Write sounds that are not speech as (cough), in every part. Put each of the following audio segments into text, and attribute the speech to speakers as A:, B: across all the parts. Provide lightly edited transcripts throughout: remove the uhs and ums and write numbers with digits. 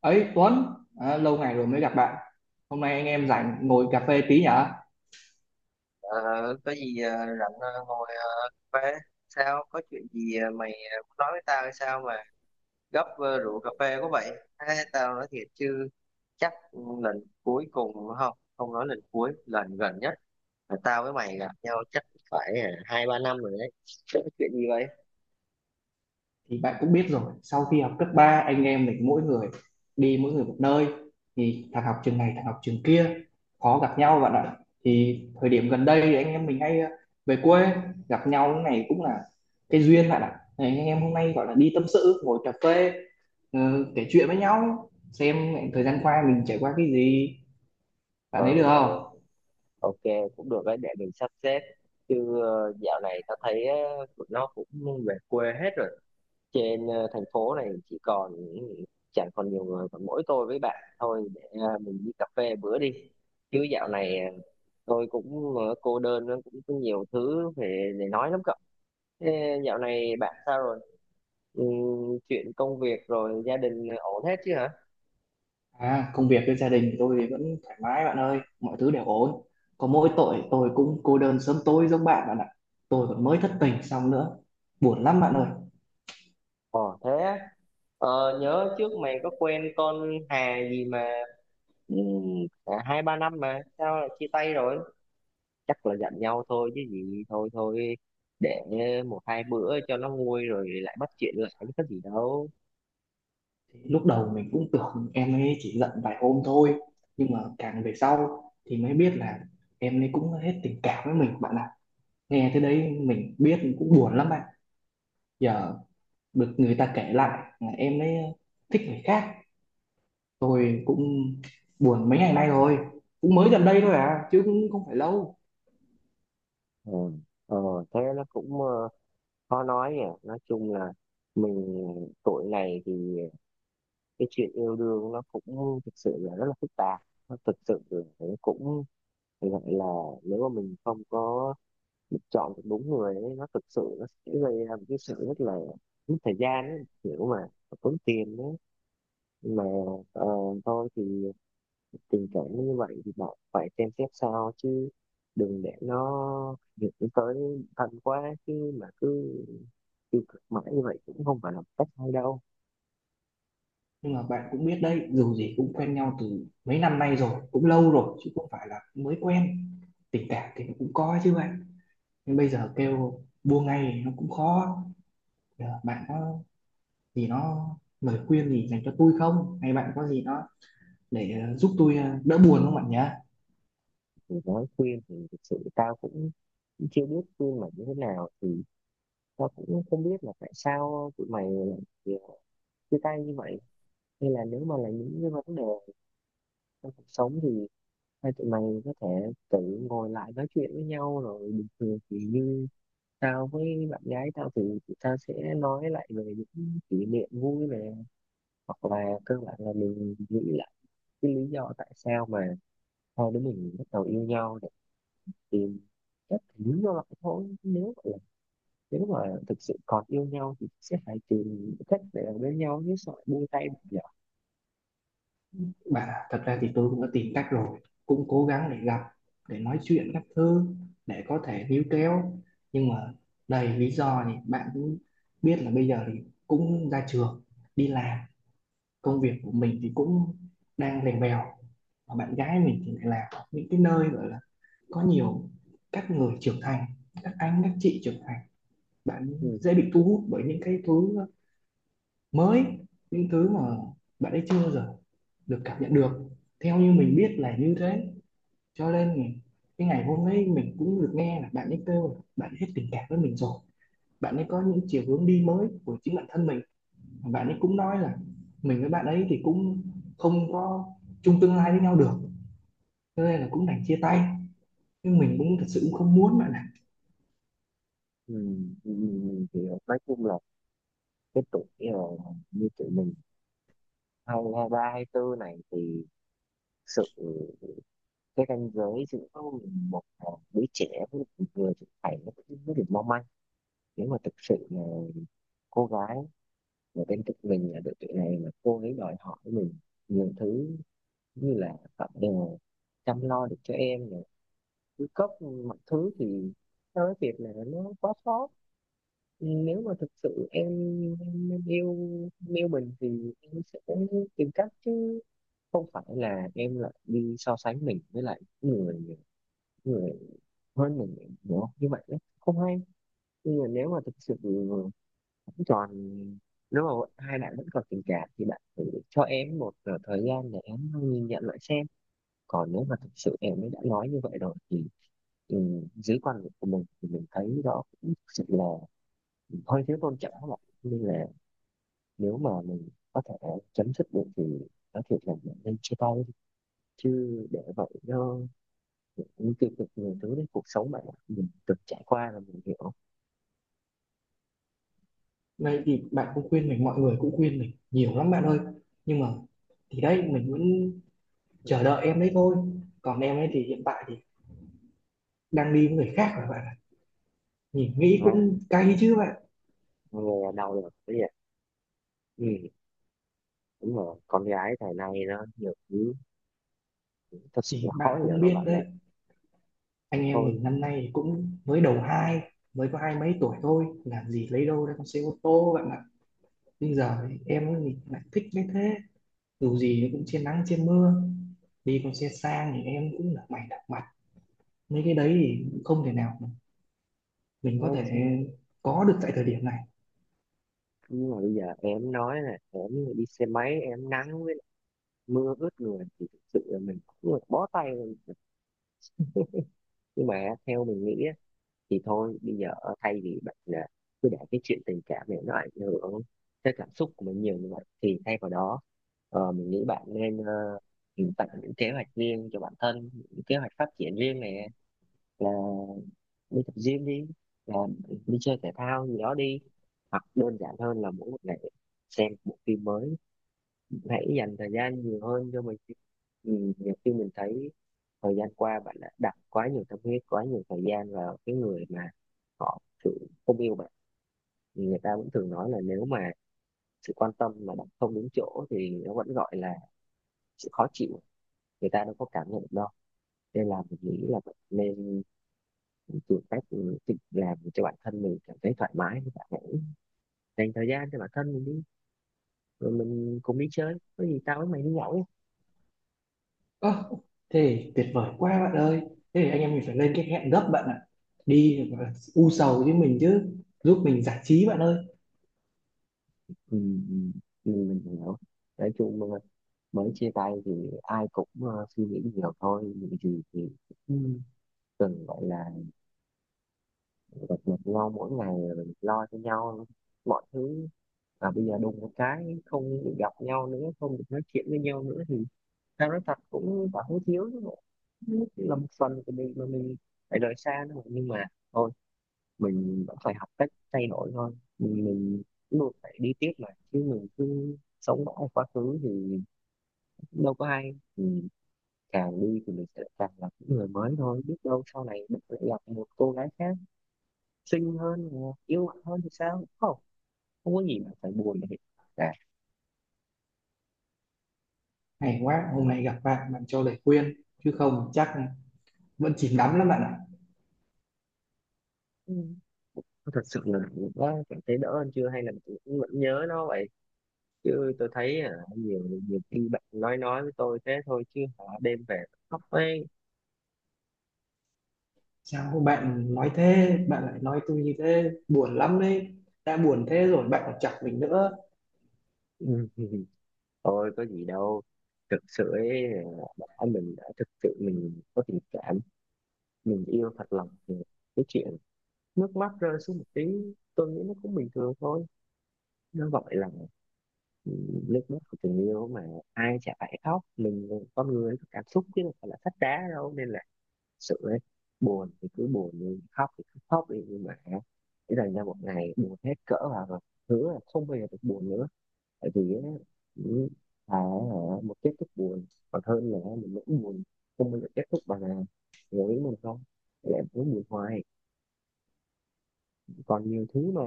A: Ấy Tuấn à, lâu ngày rồi mới gặp bạn. Hôm nay anh em rảnh ngồi cà phê tí nhở.
B: Ờ, có gì, rảnh, ngồi, cà phê. Sao có chuyện gì, mày muốn nói với tao hay sao mà gấp, rượu cà phê có vậy. Ê, tao nói thiệt chứ, chắc lần cuối cùng, không, không nói lần cuối, lần gần nhất là tao với mày gặp nhau chắc phải hai ba năm rồi đấy. (laughs) Chuyện gì vậy?
A: Thì bạn cũng biết rồi, sau khi học cấp 3 anh em mình mỗi người đi mỗi người một nơi, thì thằng học trường này thằng học trường kia, khó gặp nhau bạn ạ. Thì thời điểm gần đây thì anh em mình hay về quê gặp nhau, cái này cũng là cái duyên bạn ạ. Thì anh em hôm nay gọi là đi tâm sự ngồi cà phê, kể chuyện với nhau xem thời gian qua mình trải qua cái gì. Bạn
B: Ờ.
A: thấy được
B: Ờ.
A: không?
B: Ok, cũng được đấy, để mình sắp xếp. Chứ dạo này tao thấy tụi nó cũng về quê hết rồi. Trên thành phố này chỉ còn chẳng còn nhiều người, còn mỗi tôi với bạn thôi, để mình đi cà phê bữa đi. Chứ dạo này, tôi cũng, cô đơn, cũng có nhiều thứ để nói lắm, cậu. Thế dạo này bạn sao rồi? Ừ, chuyện công việc rồi gia đình ổn hết chứ hả?
A: À, công việc với gia đình thì tôi thì vẫn thoải mái bạn ơi, mọi thứ đều ổn. Có mỗi tội tôi cũng cô đơn sớm tối giống bạn bạn ạ. Tôi còn mới thất tình xong nữa, buồn lắm bạn ơi.
B: Ồ, thế á. Nhớ trước mày có quen con Hà gì mà, ừ, cả hai ba năm mà sao lại chia tay rồi? Chắc là giận nhau thôi chứ gì. Thôi thôi, để một hai bữa cho nó nguôi rồi lại bắt chuyện lại, chứ có gì đâu.
A: Thì lúc đầu mình cũng tưởng em ấy chỉ giận vài hôm thôi, nhưng mà càng về sau thì mới biết là em ấy cũng hết tình cảm với mình bạn ạ. Nghe thế đấy mình biết cũng buồn lắm bạn. Giờ được người ta kể lại là em ấy thích người khác, tôi cũng buồn mấy ngày nay rồi, cũng mới gần đây thôi à, chứ cũng không phải lâu.
B: Ừ. ờ, thế nó cũng, khó nói nhỉ. Nói chung là mình tuổi này thì cái chuyện yêu đương nó cũng thực sự là rất là phức tạp. Nó thực sự là, cũng phải gọi là, nếu mà mình không có chọn được đúng người ấy, nó thực sự nó sẽ gây ra một cái sự rất là mất thời gian ấy, kiểu mà tốn tiền đấy mà. Ờ, thôi thì tình cảm nó như vậy thì bạn phải xem xét sao chứ, đừng để nó dẫn tới thân quá, chứ mà cứ tiêu cực mãi như vậy cũng không phải là một cách hay đâu.
A: Nhưng mà bạn cũng biết đấy, dù gì cũng quen nhau từ mấy năm nay rồi, cũng lâu rồi chứ không phải là mới quen. Tình cảm thì nó cũng có chứ bạn, nhưng bây giờ kêu buông ngay thì nó cũng khó. Giờ bạn có gì nó lời khuyên gì dành cho tôi không, hay bạn có gì nó để giúp tôi đỡ buồn không bạn nhé.
B: Thì nói khuyên thì thực sự tao cũng chưa biết khuyên mày như thế nào, thì tao cũng không biết là tại sao tụi mày lại chia tay như vậy. Hay là nếu mà là những cái vấn đề trong cuộc sống, thì hai tụi mày có thể tự ngồi lại nói chuyện với nhau rồi bình thường. Thì như tao với bạn gái tao, thì tao sẽ nói lại về những kỷ niệm vui này, hoặc là cơ bản là mình nghĩ lại cái lý do tại sao mà hai đứa mình bắt đầu yêu nhau, để tìm cách lý do lại thôi. Nếu mà thực sự còn yêu nhau thì sẽ phải tìm cách để ở bên nhau, chứ sợ buông tay bây giờ.
A: Bạn ạ, thật ra thì tôi cũng đã tìm cách rồi, cũng cố gắng để gặp, để nói chuyện các thứ, để có thể níu kéo, nhưng mà đầy lý do thì bạn cũng biết, là bây giờ thì cũng ra trường đi làm, công việc của mình thì cũng đang lèn bèo, và bạn gái mình thì lại là những cái nơi gọi là có nhiều các người trưởng thành, các anh các chị trưởng thành. Bạn
B: Ừ.
A: dễ
B: Ừ.
A: bị thu hút bởi những cái thứ mới, những thứ mà bạn ấy chưa bao giờ được cảm nhận được, theo như mình biết là như thế. Cho nên cái ngày hôm ấy mình cũng được nghe là bạn ấy kêu là bạn hết tình cảm với mình rồi, bạn ấy có những chiều hướng đi mới của chính bản thân mình. Bạn ấy cũng nói là mình với bạn ấy thì cũng không có chung tương lai với nhau được, cho nên là cũng đành chia tay, nhưng mình cũng thật sự cũng không muốn bạn ạ.
B: Ừ. Ừ, ừ, ừ, ừ, thì nói chung là cái tuổi, như tụi mình hai, hai ba, hai tư này thì thực sự cái ranh giới giữa một, đứa trẻ với một người trưởng thành nó cũng rất là mong manh. Nếu mà thực sự là cô gái ở bên cạnh mình ở độ tuổi này mà cô ấy đòi hỏi mình nhiều thứ, như là bạn đều chăm lo được cho em này, cứ cấp mọi thứ, thì theo cái việc là nó quá sót. Nếu mà thực sự em yêu em yêu mình thì em sẽ tìm cách, chứ không phải là em lại đi so sánh mình với lại người người hơn mình, hiểu như vậy đấy không hay. Nhưng mà nếu mà thực sự vẫn còn, nếu mà bọn hai bạn vẫn còn tình cảm thì bạn thử cho em một thời gian để em nhìn nhận lại xem. Còn nếu mà thực sự em ấy đã nói như vậy rồi thì, ừ, dưới quan điểm của mình thì mình thấy đó cũng thực sự là hơi thiếu tôn trọng các bạn. Nên là nếu mà mình có thể chấm dứt được thì nói thiệt là mình nên chia tay đi, chứ để vậy nó những tiêu cực nhiều thứ đấy cuộc sống, bạn ạ. Mình từng trải qua là mình hiểu.
A: Vậy thì bạn cũng khuyên mình, mọi người cũng khuyên mình nhiều lắm bạn ơi, nhưng mà thì đấy mình vẫn chờ đợi em đấy thôi. Còn em ấy thì hiện tại thì đang đi với người khác rồi bạn ạ, nhìn nghĩ
B: Ừ.
A: cũng cay chứ bạn.
B: Nghe đau lòng cái gì, ừ, đúng rồi, con gái thời nay nó nhiều thứ, thật sự là
A: Thì
B: khó
A: bạn
B: hiểu
A: cũng
B: lắm,
A: biết
B: bạn
A: đấy,
B: này.
A: anh em
B: Thôi
A: mình năm nay cũng mới đầu hai, mới có hai mấy tuổi thôi, làm gì lấy đâu ra con xe ô tô bạn ạ. Bây giờ em ấy thì lại thích như thế, dù gì nó cũng trên nắng trên mưa, đi con xe sang thì em cũng là mày đặc mặt. Mấy cái đấy thì không thể nào mà mình
B: nhé,
A: có thể
B: chứ
A: có được tại thời điểm này.
B: nhưng mà bây giờ em nói là em đi xe máy em nắng với lại mưa ướt người thì thực sự là mình cũng là bó tay rồi. Nhưng mà theo mình nghĩ á, thì thôi bây giờ thay vì bạn là cứ để cái chuyện tình cảm này nó ảnh hưởng tới cảm xúc của mình nhiều như vậy, thì thay vào đó mình nghĩ bạn nên, tạo những kế hoạch riêng cho bản thân, những kế hoạch phát triển riêng này, là đi tập gym, đi làm, đi chơi thể thao gì đó đi, hoặc đơn giản hơn là mỗi một ngày xem một phim mới. Hãy dành thời gian nhiều hơn cho mình. Nhiều khi mình thấy thời gian qua bạn đã đặt quá nhiều tâm huyết, quá nhiều thời gian vào cái người mà họ sự không yêu bạn. Thì người ta vẫn thường nói là nếu mà sự quan tâm mà đặt không đúng chỗ thì nó vẫn gọi là sự khó chịu, người ta đâu có cảm nhận được đâu. Nên là mình nghĩ là bạn nên tìm cách tự làm cho bản thân mình cảm thấy thoải mái, bạn ạ. Dành thời gian cho bản thân mình đi, rồi mình cùng đi chơi, có gì tao với mày đi nhậu nhé.
A: Ơ, thế thì tuyệt vời quá bạn ơi, thế thì anh em mình phải lên cái hẹn gấp bạn ạ, đi và u sầu với mình chứ, giúp mình giải trí bạn ơi.
B: Ừ, ừ, ừ, mình hiểu. Nói chung mà mới chia tay thì ai cũng suy nghĩ nhiều thôi những gì thì, ừ. Cần gọi là gặp mặt nhau mỗi ngày rồi mình lo cho nhau mọi thứ, và bây giờ đùng một cái không được gặp nhau nữa, không được nói chuyện với nhau nữa, thì tao nói thật cũng cảm thấy thiếu chứ bộ. Cũng là một phần của mình mà mình phải rời xa nữa, nhưng mà thôi, mình vẫn phải học cách thay đổi thôi. Mình luôn phải đi tiếp mà, chứ mình cứ sống mãi ở quá khứ thì đâu có ai mình. Càng đi thì mình sẽ càng gặp những người mới thôi, biết đâu sau này mình lại gặp một cô gái khác xinh hơn hoặc yêu mạnh hơn thì sao không, không có gì mà phải buồn để cả.
A: Hay quá, hôm nay gặp bạn, bạn cho lời khuyên, chứ không chắc vẫn chìm đắm lắm bạn ạ.
B: Ừ. Thật sự là đã cảm thấy đỡ hơn chưa, hay là mình cũng vẫn nhớ nó vậy? Chứ tôi thấy nhiều nhiều khi bạn nói với tôi thế thôi, chứ hả đêm về khóc ấy.
A: Sao bạn nói thế, bạn lại nói tôi như thế buồn lắm đấy, đã buồn thế rồi bạn còn chọc mình nữa.
B: (laughs) Ừ. Thôi có gì đâu, thực sự ấy, bản thân mình đã thực sự mình có tình cảm, mình yêu thật lòng, thì cái chuyện nước mắt rơi xuống một tí tôi nghĩ nó cũng bình thường thôi. Nó gọi là, ừ, nước mắt của tình yêu mà, ai chả phải khóc mình, con người có cảm xúc chứ đâu phải là sách đá đâu. Nên là thực sự ấy, buồn thì cứ buồn đi, khóc thì cứ khóc đi, nhưng mà để dành ra một ngày buồn hết cỡ vào rồi hứa là không bao giờ được buồn nữa. Tại vì á, những thà ở một kết thúc buồn còn hơn là mình vẫn buồn không bao giờ kết thúc, bằng là ngồi với mình không lại muốn buồn hoài. Còn nhiều thứ mà,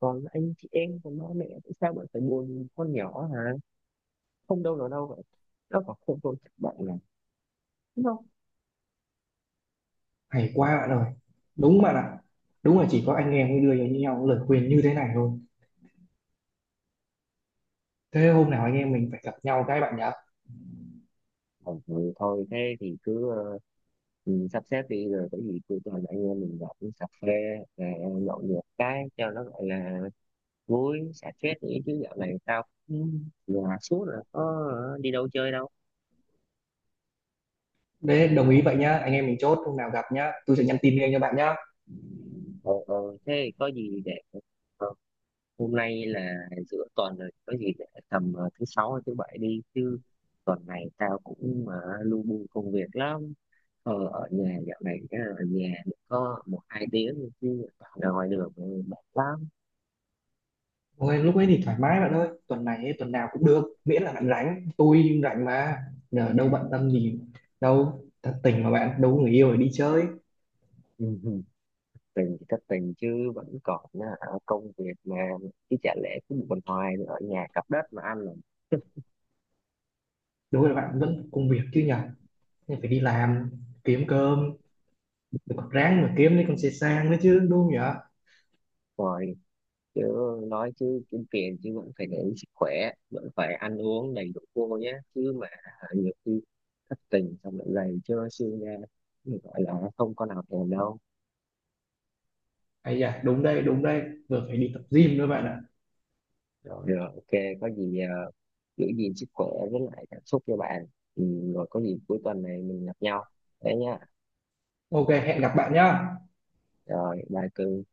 B: còn anh chị em, còn ba mẹ, tại sao bạn phải buồn con nhỏ hả? Không đâu nào đâu vậy, nó còn không tôn trọng bạn là đúng không?
A: Hay quá
B: Ờ,
A: bạn ơi, đúng bạn ạ. Đúng là chỉ có anh em mới đưa cho nhau lời khuyên như thế này thôi. Thế hôm nào anh em mình phải gặp nhau cái bạn nhá.
B: ừ, thôi thôi, thế thì cứ, sắp xếp đi rồi có gì cứ toàn anh em mình gặp uống cà phê, ờ, nhậu nhẹt cái cho nó gọi là vui xả stress nghĩ. Chứ dạo này tao cũng nhà suốt, là có đi đâu chơi đâu.
A: Đấy, đồng ý vậy nhá, anh em mình chốt hôm nào gặp nhá, tôi sẽ nhắn tin ngay cho bạn nhá.
B: Ờ, ờ, thế có gì để, ờ, hôm nay là giữa tuần rồi, có gì để tầm thứ sáu hay thứ bảy đi chứ. Tuần này tao cũng mà lu bu công việc lắm. Ở nhà dạo này, ở nhà được có một hai tiếng thôi, chứ ra ngoài đường mệt lắm.
A: Ôi, lúc ấy thì thoải mái bạn ơi, tuần này ấy, tuần nào cũng được miễn là bạn rảnh tôi rảnh mà, giờ đâu bận tâm gì đâu, thật tình mà bạn đâu có người yêu để đi chơi.
B: Ừ, ừ. Tình thì thất tình chứ vẫn còn, à, công việc mà, chứ chả lẽ cứ buồn hoài ở nhà cặp đất mà ăn.
A: Đối với bạn vẫn có công việc chứ nhở, nên phải đi làm kiếm cơm, rồi còn ráng mà kiếm lấy con xe sang nữa chứ đúng không nhỉ.
B: Rồi chứ, nói chứ kiếm tiền chứ vẫn phải để ý sức khỏe, vẫn phải ăn uống đầy đủ vô nhé, chứ mà nhiều khi thất tình xong lại gầy trơ xương ra thì gọi là không có nào thèm đâu.
A: Ây da, đúng đây, vừa phải đi tập gym nữa bạn ạ.
B: Rồi, rồi ok, có gì giữ gìn sức khỏe với lại cảm xúc cho bạn. Ừ, rồi có gì cuối tuần này mình gặp nhau thế nhá.
A: Ok, hẹn gặp bạn nhá.
B: Rồi, bye cưng.